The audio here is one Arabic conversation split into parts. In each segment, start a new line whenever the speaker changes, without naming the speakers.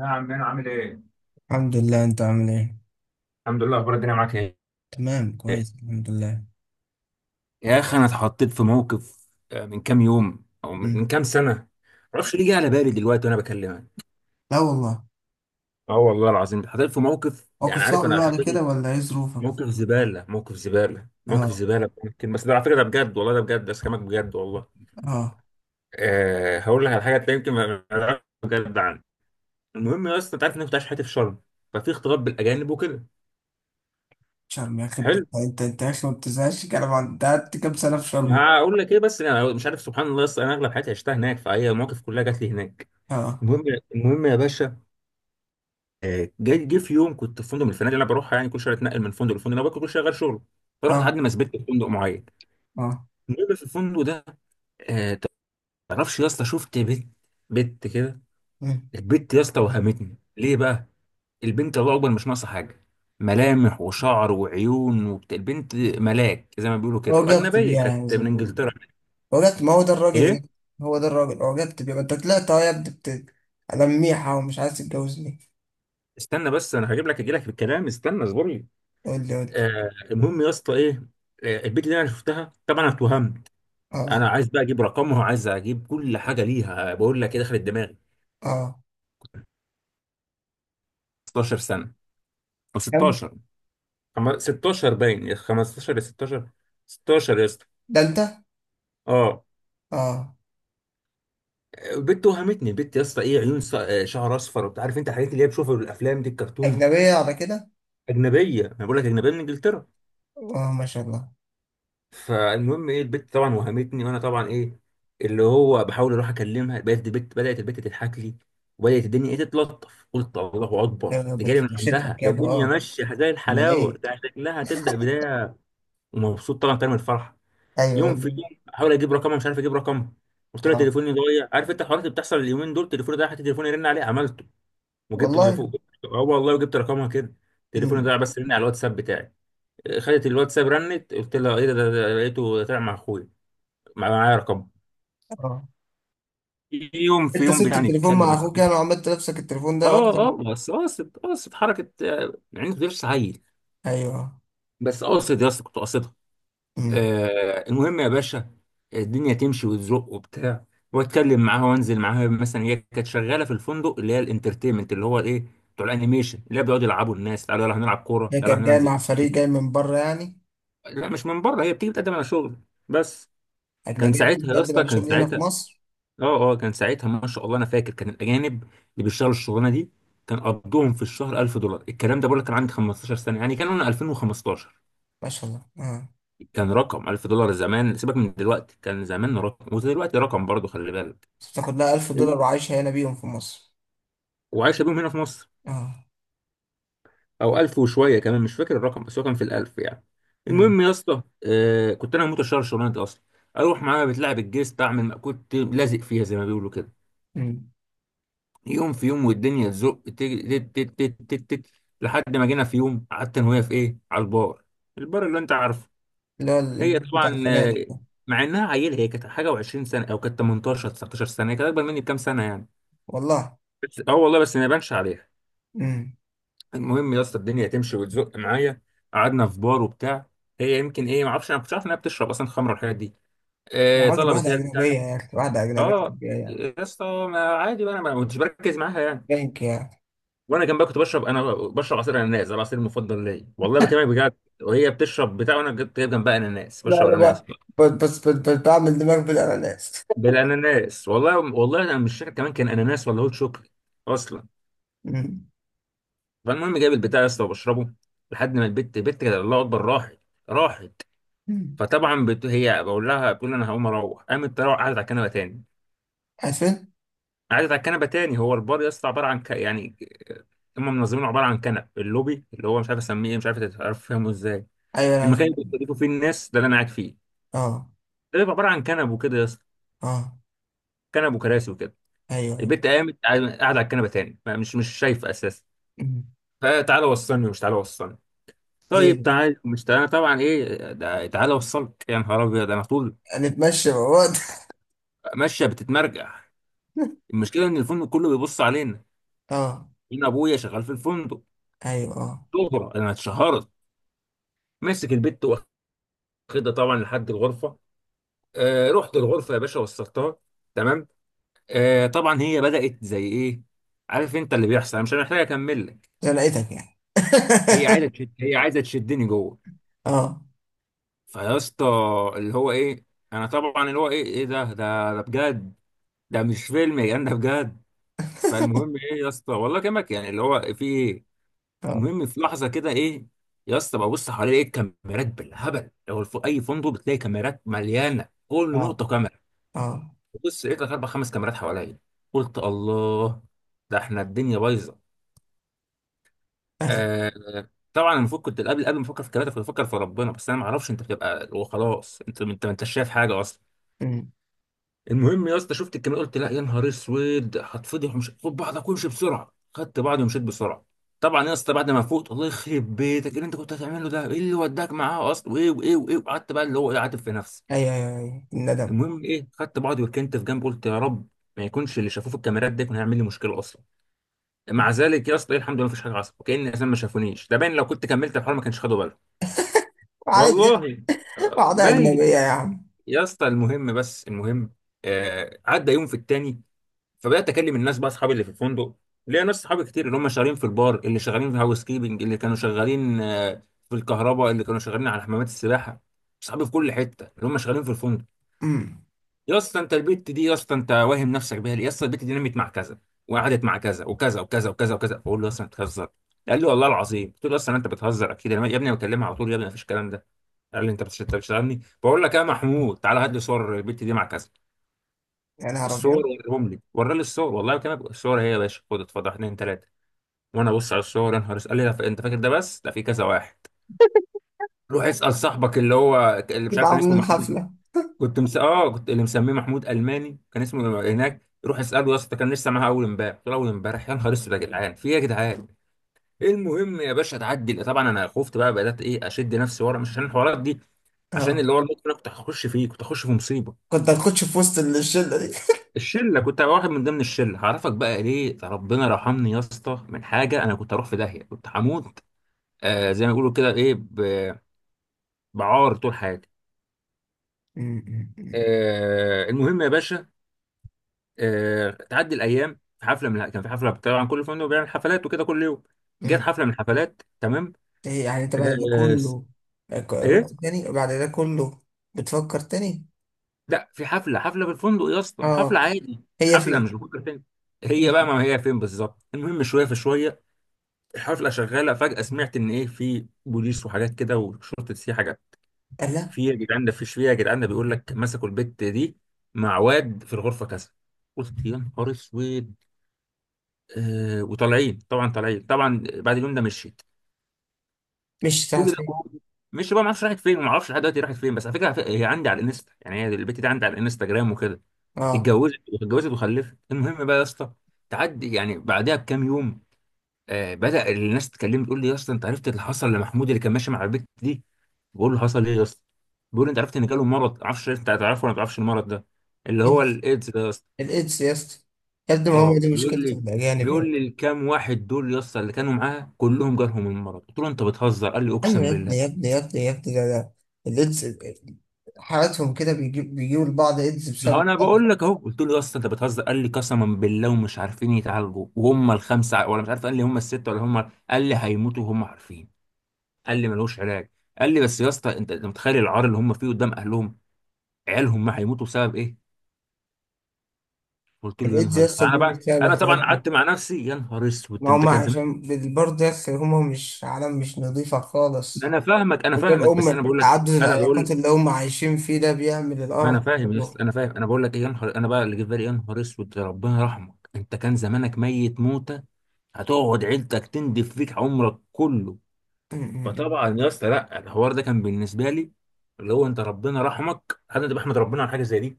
يا عمنا، عامل ايه؟
الحمد لله، انت عامل ايه؟
الحمد لله، اخبار الدنيا معاك ايه؟
تمام، كويس، الحمد لله.
يا اخي انا اتحطيت في موقف، من كام يوم او من
مم.
كام سنه. معرفش ليه جه على بالي دلوقتي وانا بكلمك.
لا والله.
اه والله العظيم، اتحطيت في موقف
موقف
يعني عارف
صعب
انا لحد
بعد كده
دلوقتي.
ولا ايه ظروفك؟
موقف زباله، موقف زباله، موقف
اه،
زباله ممكن، بس ده على فكره ده بجد، والله ده بجد، ده كلامك بجد والله.
اه.
أه، هقول لك على حاجه تلاقي يمكن ما تعرفش بجد عنها. المهم يا اسطى، انت عارف ان انا كنت عايش حياتي في شرم، ففي اختلاط بالاجانب وكده.
شرم يا اخي، انت
حلو.
انت انت انت يا اخي ما بتزهقش كلام انت قعدت كام سنه في شرم؟
هقول لك ايه، بس انا مش عارف، سبحان الله، اصل انا اغلب حياتي عشتها هناك، فهي المواقف كلها جات لي هناك.
اه،
المهم. المهم يا باشا. جه في يوم كنت في فندق من الفنادق اللي انا بروحها، يعني كل شويه اتنقل من فندق لفندق، انا كل شويه غير شغل. فرحت لحد
اه،
ما ثبت في فندق معين.
اه.
المهم في الفندق ده، آه، تعرفش يا اسطى، شفت بنت، بنت كده.
مم.
البنت يا اسطى وهمتني ليه بقى؟ البنت، الله اكبر، مش ناقصه حاجه، ملامح وشعر وعيون البنت ملاك زي ما بيقولوا كده،
اعجبت
واجنبيه
بيها يعني
كانت
زي ما
من
بيقولوا
انجلترا.
كده. اعجبت، ما هو ده الراجل
ايه.
يعني. هو ده الراجل، اعجبت بيها، ما انت طلعت اهو يا ابني بت. انا ميحه ومش عايز تتجوزني.
استنى بس، انا هجيب لك، اجي لك في الكلام، استنى اصبر لي.
قول لي، قول لي.
المهم يا اسطى ايه. آه، البيت اللي انا شفتها، طبعا انا اتوهمت. انا
اه،
عايز بقى اجيب رقمها وعايز اجيب كل حاجه ليها. بقول لك ايه دخلت دماغي؟
اه.
16 سنه، او
كم؟
16، 16، باين يا 15 يا 16. 16 يا اسطى.
ده انت.
اه،
اه.
البت وهمتني، البت يا اسطى ايه، عيون شعر اصفر، وبتعرف انت الحاجات اللي هي بشوفها في الافلام دي الكرتون.
اجنبيه على كده.
اجنبيه، انا بقول لك اجنبيه من انجلترا.
اه، ما شاء الله.
فالمهم ايه، البت طبعا وهمتني، وانا طبعا ايه، اللي هو بحاول اروح اكلمها، بقيت البت بدات البت تضحك لي، وبدات الدنيا ايه تتلطف. قلت الله
ده
اكبر،
انا
دي جايه من
بتمشيت
عندها،
لك
ده
يابا،
الدنيا
اه.
ماشيه زي
امال
الحلاوه،
ايه.
ده شكلها هتبدا بدايه. ومبسوط طبعا كان من الفرحه.
ايوه
يوم في
والله.
يوم احاول اجيب رقمها، مش عارف اجيب رقمها. قلت لها
اه
تليفوني ضايع، عارف انت الحوارات اللي بتحصل اليومين دول، تليفوني ضايع، حتى تليفوني يرن عليه عملته. وجبت
والله.
تليفون. اه والله، وجبت رقمها كده. تليفوني
امم.
ضايع، بس رن على الواتساب بتاعي. خدت الواتساب، رنت، قلت لها ايه ده ده ده لقيته طلع مع اخويا. معايا رقم.
اه.
في يوم في
انت
يوم
سبت
يعني
التليفون
اتكلم
مع اخوك
أكلمك.
يعني وعملت نفسك التليفون ده
اه
ورحت؟
اه، بس قاصد، قاصد حركه، يعني غير سعيد.
ايوه.
بس قاصد يا اسطى، كنت قاصدها.
امم.
المهم يا باشا. الدنيا تمشي وتزق وبتاع. واتكلم معاها وانزل معاها، مثلا هي كانت شغاله في الفندق، اللي هي الانترتينمنت، اللي هو الايه، بتوع الانيميشن، اللي هي بيقعدوا يلعبوا الناس، تعالوا يلا هنلعب كوره،
ده
يلا
كان جاي
هننزل.
مع فريق جاي من بره يعني؟
لا، مش من بره، هي بتيجي بتقدم على شغل. بس. كان
اجنبيه
ساعتها يا
بتقدم
اسطى،
على
كان
شغل هنا في
ساعتها،
مصر؟
اه اه، كان ساعتها، ما شاء الله، انا فاكر كان الاجانب اللي بيشتغلوا الشغلانه دي كان قبضهم في الشهر 1000 دولار. الكلام ده بقول لك كان عندي 15 سنه، يعني كان انا 2015.
ما شاء الله، اه.
كان رقم 1000 دولار زمان، سيبك من دلوقتي، كان زمان رقم، ودلوقتي رقم برضه، خلي بالك.
بتاخد لها 1000 دولار وعايشه هنا بيهم في مصر؟
وعايشه بيهم هنا في مصر.
اه.
او 1000 وشويه كمان، مش فاكر الرقم، بس هو كان في الألف يعني.
امم.
المهم يا اسطى، آه، كنت انا هموت اشتغل الشغلانه دي اصلا، اروح معاها بتلعب الجيست، اعمل مأكولتي لازق فيها زي ما بيقولوا كده.
امم.
يوم في يوم والدنيا تزق، تت تت تت تت تت تت. لحد ما جينا في يوم، قعدت انا وهي في ايه، على البار. البار اللي انت عارفه.
اللي هو
هي
بتاع
طبعا،
الفنادق ده.
مع انها عيله، هي كانت حاجه و20 سنه، او كانت 18، 19 سنه، هي كانت اكبر مني بكام سنه يعني.
والله.
بس اه والله، بس ما يبانش عليها.
امم.
المهم يا اسطى، الدنيا تمشي وتزق معايا. قعدنا في بار وبتاع. هي يمكن ايه، ما اعرفش، انا ما كنتش عارف انها بتشرب اصلا خمره والحاجات دي.
يا
آه،
راجل
طلبت هي
واحده
البتاع.
اجنبيه يا اخي، واحده اجنبيه
اه
جايه.
يا اسطى. ما عادي بقى، انا ما كنتش بركز معاها يعني.
بنك.
وانا كان بقى كنت بشرب، انا بشرب عصير اناناس، ده العصير المفضل ليا، والله بكلمك بجد. وهي بتشرب بتاع، وانا جبت جايب جنبها اناناس،
لا،
بشرب
لا
اناناس.
بقى. بس بس بس بس بعمل دماغ بالأناناس.
بالاناناس، والله والله، انا مش فاكر كمان كان اناناس ولا هوت شوكليت اصلا.
مم.
فالمهم جايب البتاع يا اسطى وبشربه. لحد ما البت كده الله اكبر راحت. راحت.
مم.
فطبعا هي بقول لها بتقول انا هقوم اروح، قامت تروح، قعدت على الكنبه تاني.
عارفين؟
قعدت على الكنبه تاني. هو البار يا اسطى عباره عن يعني هم منظمينه عباره عن كنب، اللوبي اللي هو، مش عارف اسميه إيه، مش عارف فاهمه ازاي.
أيوه، أنا عارف
المكان اللي
اللون.
بيستضيفوا فيه الناس ده اللي انا قاعد فيه.
أه،
ده بيبقى عباره عن كنب وكده يا اسطى.
أه.
كنب وكراسي وكده.
أيوه، أيوه.
البت قامت قاعده على الكنبه تاني، مش شايفه اساسا.
مم.
فتعالى وصلني، ومش تعالى وصلني.
هي
طيب
دي.
تعالى مش تعالى، طبعا ايه ده، تعالى وصلك يا نهار ابيض. انا طول
هنتمشى مع بعض.
ماشيه بتتمرجح. المشكله ان الفندق كله بيبص علينا.
أه.
هنا ابويا شغال في الفندق.
أيوه، أه.
شهره، انا اتشهرت. ماسك البت، واخدها طبعا لحد الغرفه. آه، رحت الغرفه يا باشا، وصلتها. تمام. آه، طبعا هي بدأت زي ايه، عارف انت اللي بيحصل، انا مش محتاج اكمل لك.
ده لقيتك يعني.
هي عايزه تشدني جوه.
أه،
فيا اسطى، اللي هو ايه، انا طبعا اللي هو ايه، ايه ده ده ده بجد. ده مش فيلم يا جدعان، ده بجد. فالمهم ايه يا اسطى، والله كلامك يعني، اللي هو في ايه.
أه،
المهم في لحظه كده ايه، يا اسطى ببص حوالي ايه، الكاميرات بالهبل. لو في اي فندق بتلاقي كاميرات مليانه، كل
أه،
نقطه كاميرا.
أه.
بص لقيت لك اربع خمس كاميرات حواليا. قلت الله، ده احنا الدنيا بايظه.
أيوه.
آه، طبعا المفروض كنت قبل ما افكر في الكلام ده، كنت بفكر في ربنا، بس انا ما اعرفش، انت بتبقى وخلاص، انت ما انتش شايف حاجه اصلا.
مم.
المهم يا اسطى، شفت الكاميرا، قلت لا يا نهار اسود، هتفضح ومش، خد بعضك وامشي بسرعه. خدت بعضي ومشيت بسرعه. طبعا يا اسطى بعد ما فوت، الله يخرب بيتك، ايه اللي انت كنت هتعمله ده، ايه اللي وداك معاه اصلا، وايه وايه وايه. وقعدت بقى اللي هو ايه، عاتب في نفسي.
أيوه، أيوه، أيوه، الندم.
المهم ايه، خدت بعضي وركنت في جنب، قلت يا رب ما يكونش اللي شافوه في الكاميرات ده يكون هيعمل لي ممثل مشكله اصلا. مع ذلك يا اسطى إيه، الحمد لله، مفيش حاجه حصلت، وكان الناس ما شافونيش. ده باين، لو كنت كملت الحوار ما كانش خدوا بالهم.
عادي.
والله
بعضها أجنبية
باين.
يا عم.
يا اسطى المهم، بس المهم، آه، عدى يوم في التاني. فبدات اكلم الناس بقى، اصحابي اللي في الفندق. ليا ناس صحابي كتير، اللي هم شغالين في البار، اللي شغالين في هاوس كيبنج، اللي كانوا شغالين آه في الكهرباء، اللي كانوا شغالين على حمامات السباحه. صحابي في كل حته اللي هم شغالين في الفندق.
مم.
يا اسطى انت البت دي، يا اسطى انت واهم نفسك بيها ليه؟ يا اسطى البت دي نمت مع كذا، وقعدت مع كذا وكذا وكذا وكذا وكذا. بقول له يا اسطى انت بتهزر. قال لي والله العظيم. قلت له اصلا انت بتهزر اكيد، يا ابني أنا بكلمها على طول، يا ابني مفيش الكلام ده. قال لي انت أنت بتشتغلني. بقول لك يا محمود تعالى هات لي صور البت دي مع كذا.
يا نهار
الصور
أبيض.
وريهم لي، ورى لي الصور والله. كان الصور هي يا باشا، خد اتفضل، واحد اتنين تلاته. وانا ابص على الصور، يا نهار اسود. قال لي لا، انت فاكر ده بس، لا في كذا واحد. روح اسال صاحبك اللي هو، اللي مش
نبقى
عارف، كان اسمه
عاملين
محمود.
حفلة.
كنت اه كنت اللي مسميه محمود الماني، كان اسمه هناك. روح اساله يا اسطى، كان لسه معاها اول امبارح. قلت له اول امبارح؟ يا نهار اسود يا جدعان، في ايه يا جدعان؟ المهم يا باشا، تعدي، طبعا انا خفت بقى، بدات ايه اشد نفسي ورا، مش عشان الحوارات دي، عشان
أه.
اللي هو الموقف اللي انا كنت هخش فيه، كنت هخش في مصيبه.
كنت هتخش في وسط الشلة دي.
الشله، كنت هبقى واحد من ضمن الشله. هعرفك بقى ليه ربنا رحمني يا اسطى من حاجه، انا كنت هروح في داهيه، كنت هموت. آه، زي ما بيقولوا كده ايه، بعار طول حياتي.
مم. مم.
آه، المهم يا باشا. آه، تعدي الايام، في حفله، من كان في حفله طبعا، كل فندق بيعمل حفلات وكده كل يوم. جت
مم.
حفله من الحفلات، تمام.
ايه يعني انت بعد ده
آه س-
كله؟ رحت
ايه،
تاني وبعد ده كله؟ بتفكر تاني؟
لا، في حفله، في الفندق يا اسطى، حفله
اه.
عادي.
هي
حفله، مش
فين؟
بفكر فين
هي
هي بقى،
فين؟
ما هي فين بالظبط، المهم شويه في شويه. الحفله شغاله، فجاه سمعت ان ايه، في بوليس وحاجات كده، وشرطه سي حاجات.
قال لا.
في يا جدعان ده، في يا جدعان ده بيقول لك مسكوا البت دي مع واد في الغرفه كذا. قلت يا نهار اسود. آه، وطالعين طبعا، طالعين طبعا. بعد اليوم ده مشيت.
مش بتاعت
كل ده
فين.
جوه. مش بقى، ما اعرفش راحت فين، ما اعرفش لحد دلوقتي راحت فين، بس على فكره، هي عندي على الانستا، يعني هي البت دي عندي على الانستجرام وكده.
اه.
اتجوزت واتجوزت وخلفت. المهم بقى يا اسطى، تعدي يعني بعدها بكام يوم، آه، بدأ الناس تكلمني، تقول لي يا اسطى انت عرفت اللي حصل لمحمود اللي كان ماشي مع البت دي؟ بقول له حصل ايه يا اسطى؟ بيقول لي انت عرفت ان جاله مرض، عارفش انت هتعرفه ولا ما تعرفش المرض ده، اللي هو
إيدز.
الايدز ده يا اسطى.
الايدز يا اسطى. يا ابني ما هو
اه،
دي
بيقول
مشكلة
لي
الاجانب يا ابني.
بيقول لي الكام واحد دول يا اسطى اللي كانوا معاه كلهم جالهم المرض. قلت له انت بتهزر. قال لي
ايوه
اقسم
يا ابني يا
بالله.
ابني يا ابني يا ابني، ده. الايدز. حالاتهم كده بيجيبوا لبعض ايدز
ما هو
بسبب.
انا بقول لك اهو. قلت له يا اسطى انت بتهزر. قال لي قسما بالله، ومش عارفين يتعالجوا وهم الخمسه، ولا مش عارف قال لي هم السته، ولا هم، قال لي هيموتوا وهم عارفين. قال لي ملوش علاج. قال لي بس يا اسطى، انت، متخيل العار اللي هم فيه قدام اهلهم، عيالهم؟ ما هيموتوا بسبب ايه؟ قلت له يا
الايدز يا
نهار اسود،
اسطى
انا
بيجي
بقى،
بسبب
انا
الحاجات
طبعا
دي.
قعدت مع نفسي، يا نهار اسود،
ما
انت
هم
كان زمان.
عشان. برضه يا اسطى هم مش عالم، مش نظيفة خالص.
انا فاهمك، انا
وده
فاهمك، بس انا
الأم
بقول لك،
تعدد
انا
العلاقات
بقول،
اللي هم عايشين فيه ده بيعمل
ما
القرف
انا
ده
فاهم يا
كله.
اسطى، انا فاهم، انا بقول لك إيه، يا نهار، انا بقى اللي جه في بالي، يا نهار اسود، يا ربنا يرحمك، انت كان زمانك ميت موته، هتقعد عيلتك تندف فيك عمرك كله. فطبعا يا اسطى لا، الحوار ده كان بالنسبه لي اللي هو، انت ربنا رحمك، انا ده بحمد ربنا على حاجه زي دي.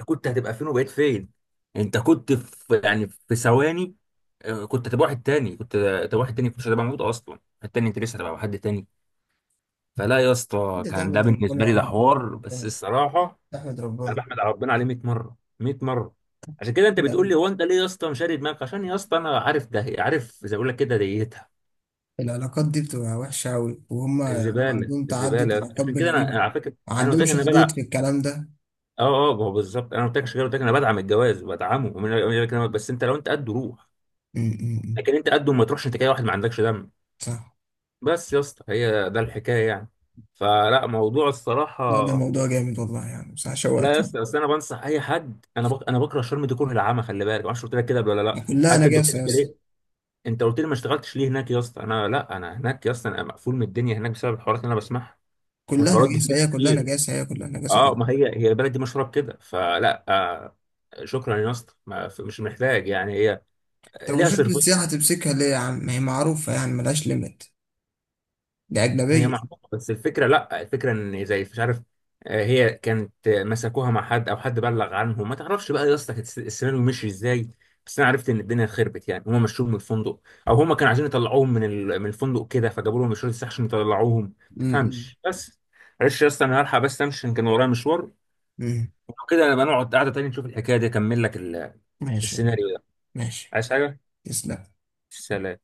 انت كنت هتبقى فين وبقيت فين؟ انت كنت في يعني في ثواني، آه، كنت هتبقى واحد تاني، كنت هتبقى واحد تاني، كنت هتبقى موجود اصلا التاني، انت لسه هتبقى حد تاني. فلا يا اسطى،
ده
كان ده
تحمد ربنا
بالنسبه
يا
لي ده
عم، تحمد
حوار، بس
ربنا.
الصراحه.
تحمد
انا
ربنا.
بحمد على ربنا عليه 100 مره، 100 مره. عشان كده انت بتقول
لا،
لي هو انت ليه يا اسطى مشاري دماغك، عشان يا اسطى انا عارف، ده عارف زي ما بقول لك كده ديتها.
العلاقات دي بتبقى وحشة أوي، وهم يعني
الزباله،
عندهم تعدد
الزباله.
علاقات
عشان كده انا
غريبة.
أنا على فكره،
ما
انا قلت لك
عندهمش
ان انا
حدود
بدعم.
في الكلام ده.
اه اه، ما هو بالظبط، انا قلت لك عشان كده قلت لك انا بدعم الجواز بدعمه، بس انت لو انت قد روح.
م.
لكن انت قد ما تروحش، انت كده واحد ما عندكش دم.
صح.
بس يا اسطى، هي ده الحكايه يعني. فلا، موضوع
لا،
الصراحه.
ده موضوع جامد والله، يعني صح،
لا يا
شوقتني.
اسطى، بس انا بنصح اي حد، انا بكره شرم دي، كره العامه، خلي بالك، ما اعرفش قلت لك كده قبل ولا لا.
كلها
حتى انت قلت
نجاسة
لي
يا
كده
اسطى.
ليه؟ انت قلت لي ما اشتغلتش ليه هناك يا اسطى؟ انا لا، انا هناك يا اسطى انا مقفول من الدنيا هناك بسبب الحوارات اللي انا بسمعها،
كلها
والحوارات دي
نجاسة،
فيها
هي كلها
كتير.
نجاسة، هي كلها نجاسة
اه، ما
والله.
هي البلد دي مشهوره بكده، فلا آه، شكرا يا اسطى، مش محتاج يعني. هي
طب
ليها
وشرطة
صرف.
السياحة تمسكها ليه يا عم، ما هي معروفة يعني، ملهاش ليميت. دي
هي
أجنبية.
معروفة، بس الفكرة، لا، الفكرة ان زي مش عارف، هي كانت مسكوها مع حد او حد بلغ عنهم، ما تعرفش بقى يا اسطى، كانت السيناريو مشي ازاي. بس انا عرفت ان الدنيا خربت يعني. هم مشوهم من الفندق، او هم كانوا عايزين يطلعوهم من من الفندق كده، فجابوا لهم الشرطة عشان يطلعوهم، ما تفهمش بس. معلش يا اسطى، انا هلحق، بس امشي عشان كان ورايا مشوار،
مم.
وكده نبقى نقعد قعدة تاني، نشوف الحكاية دي، اكمل لك
ماشي.
السيناريو ده.
ماشي.
عايز حاجة؟
تسلم.
سلام.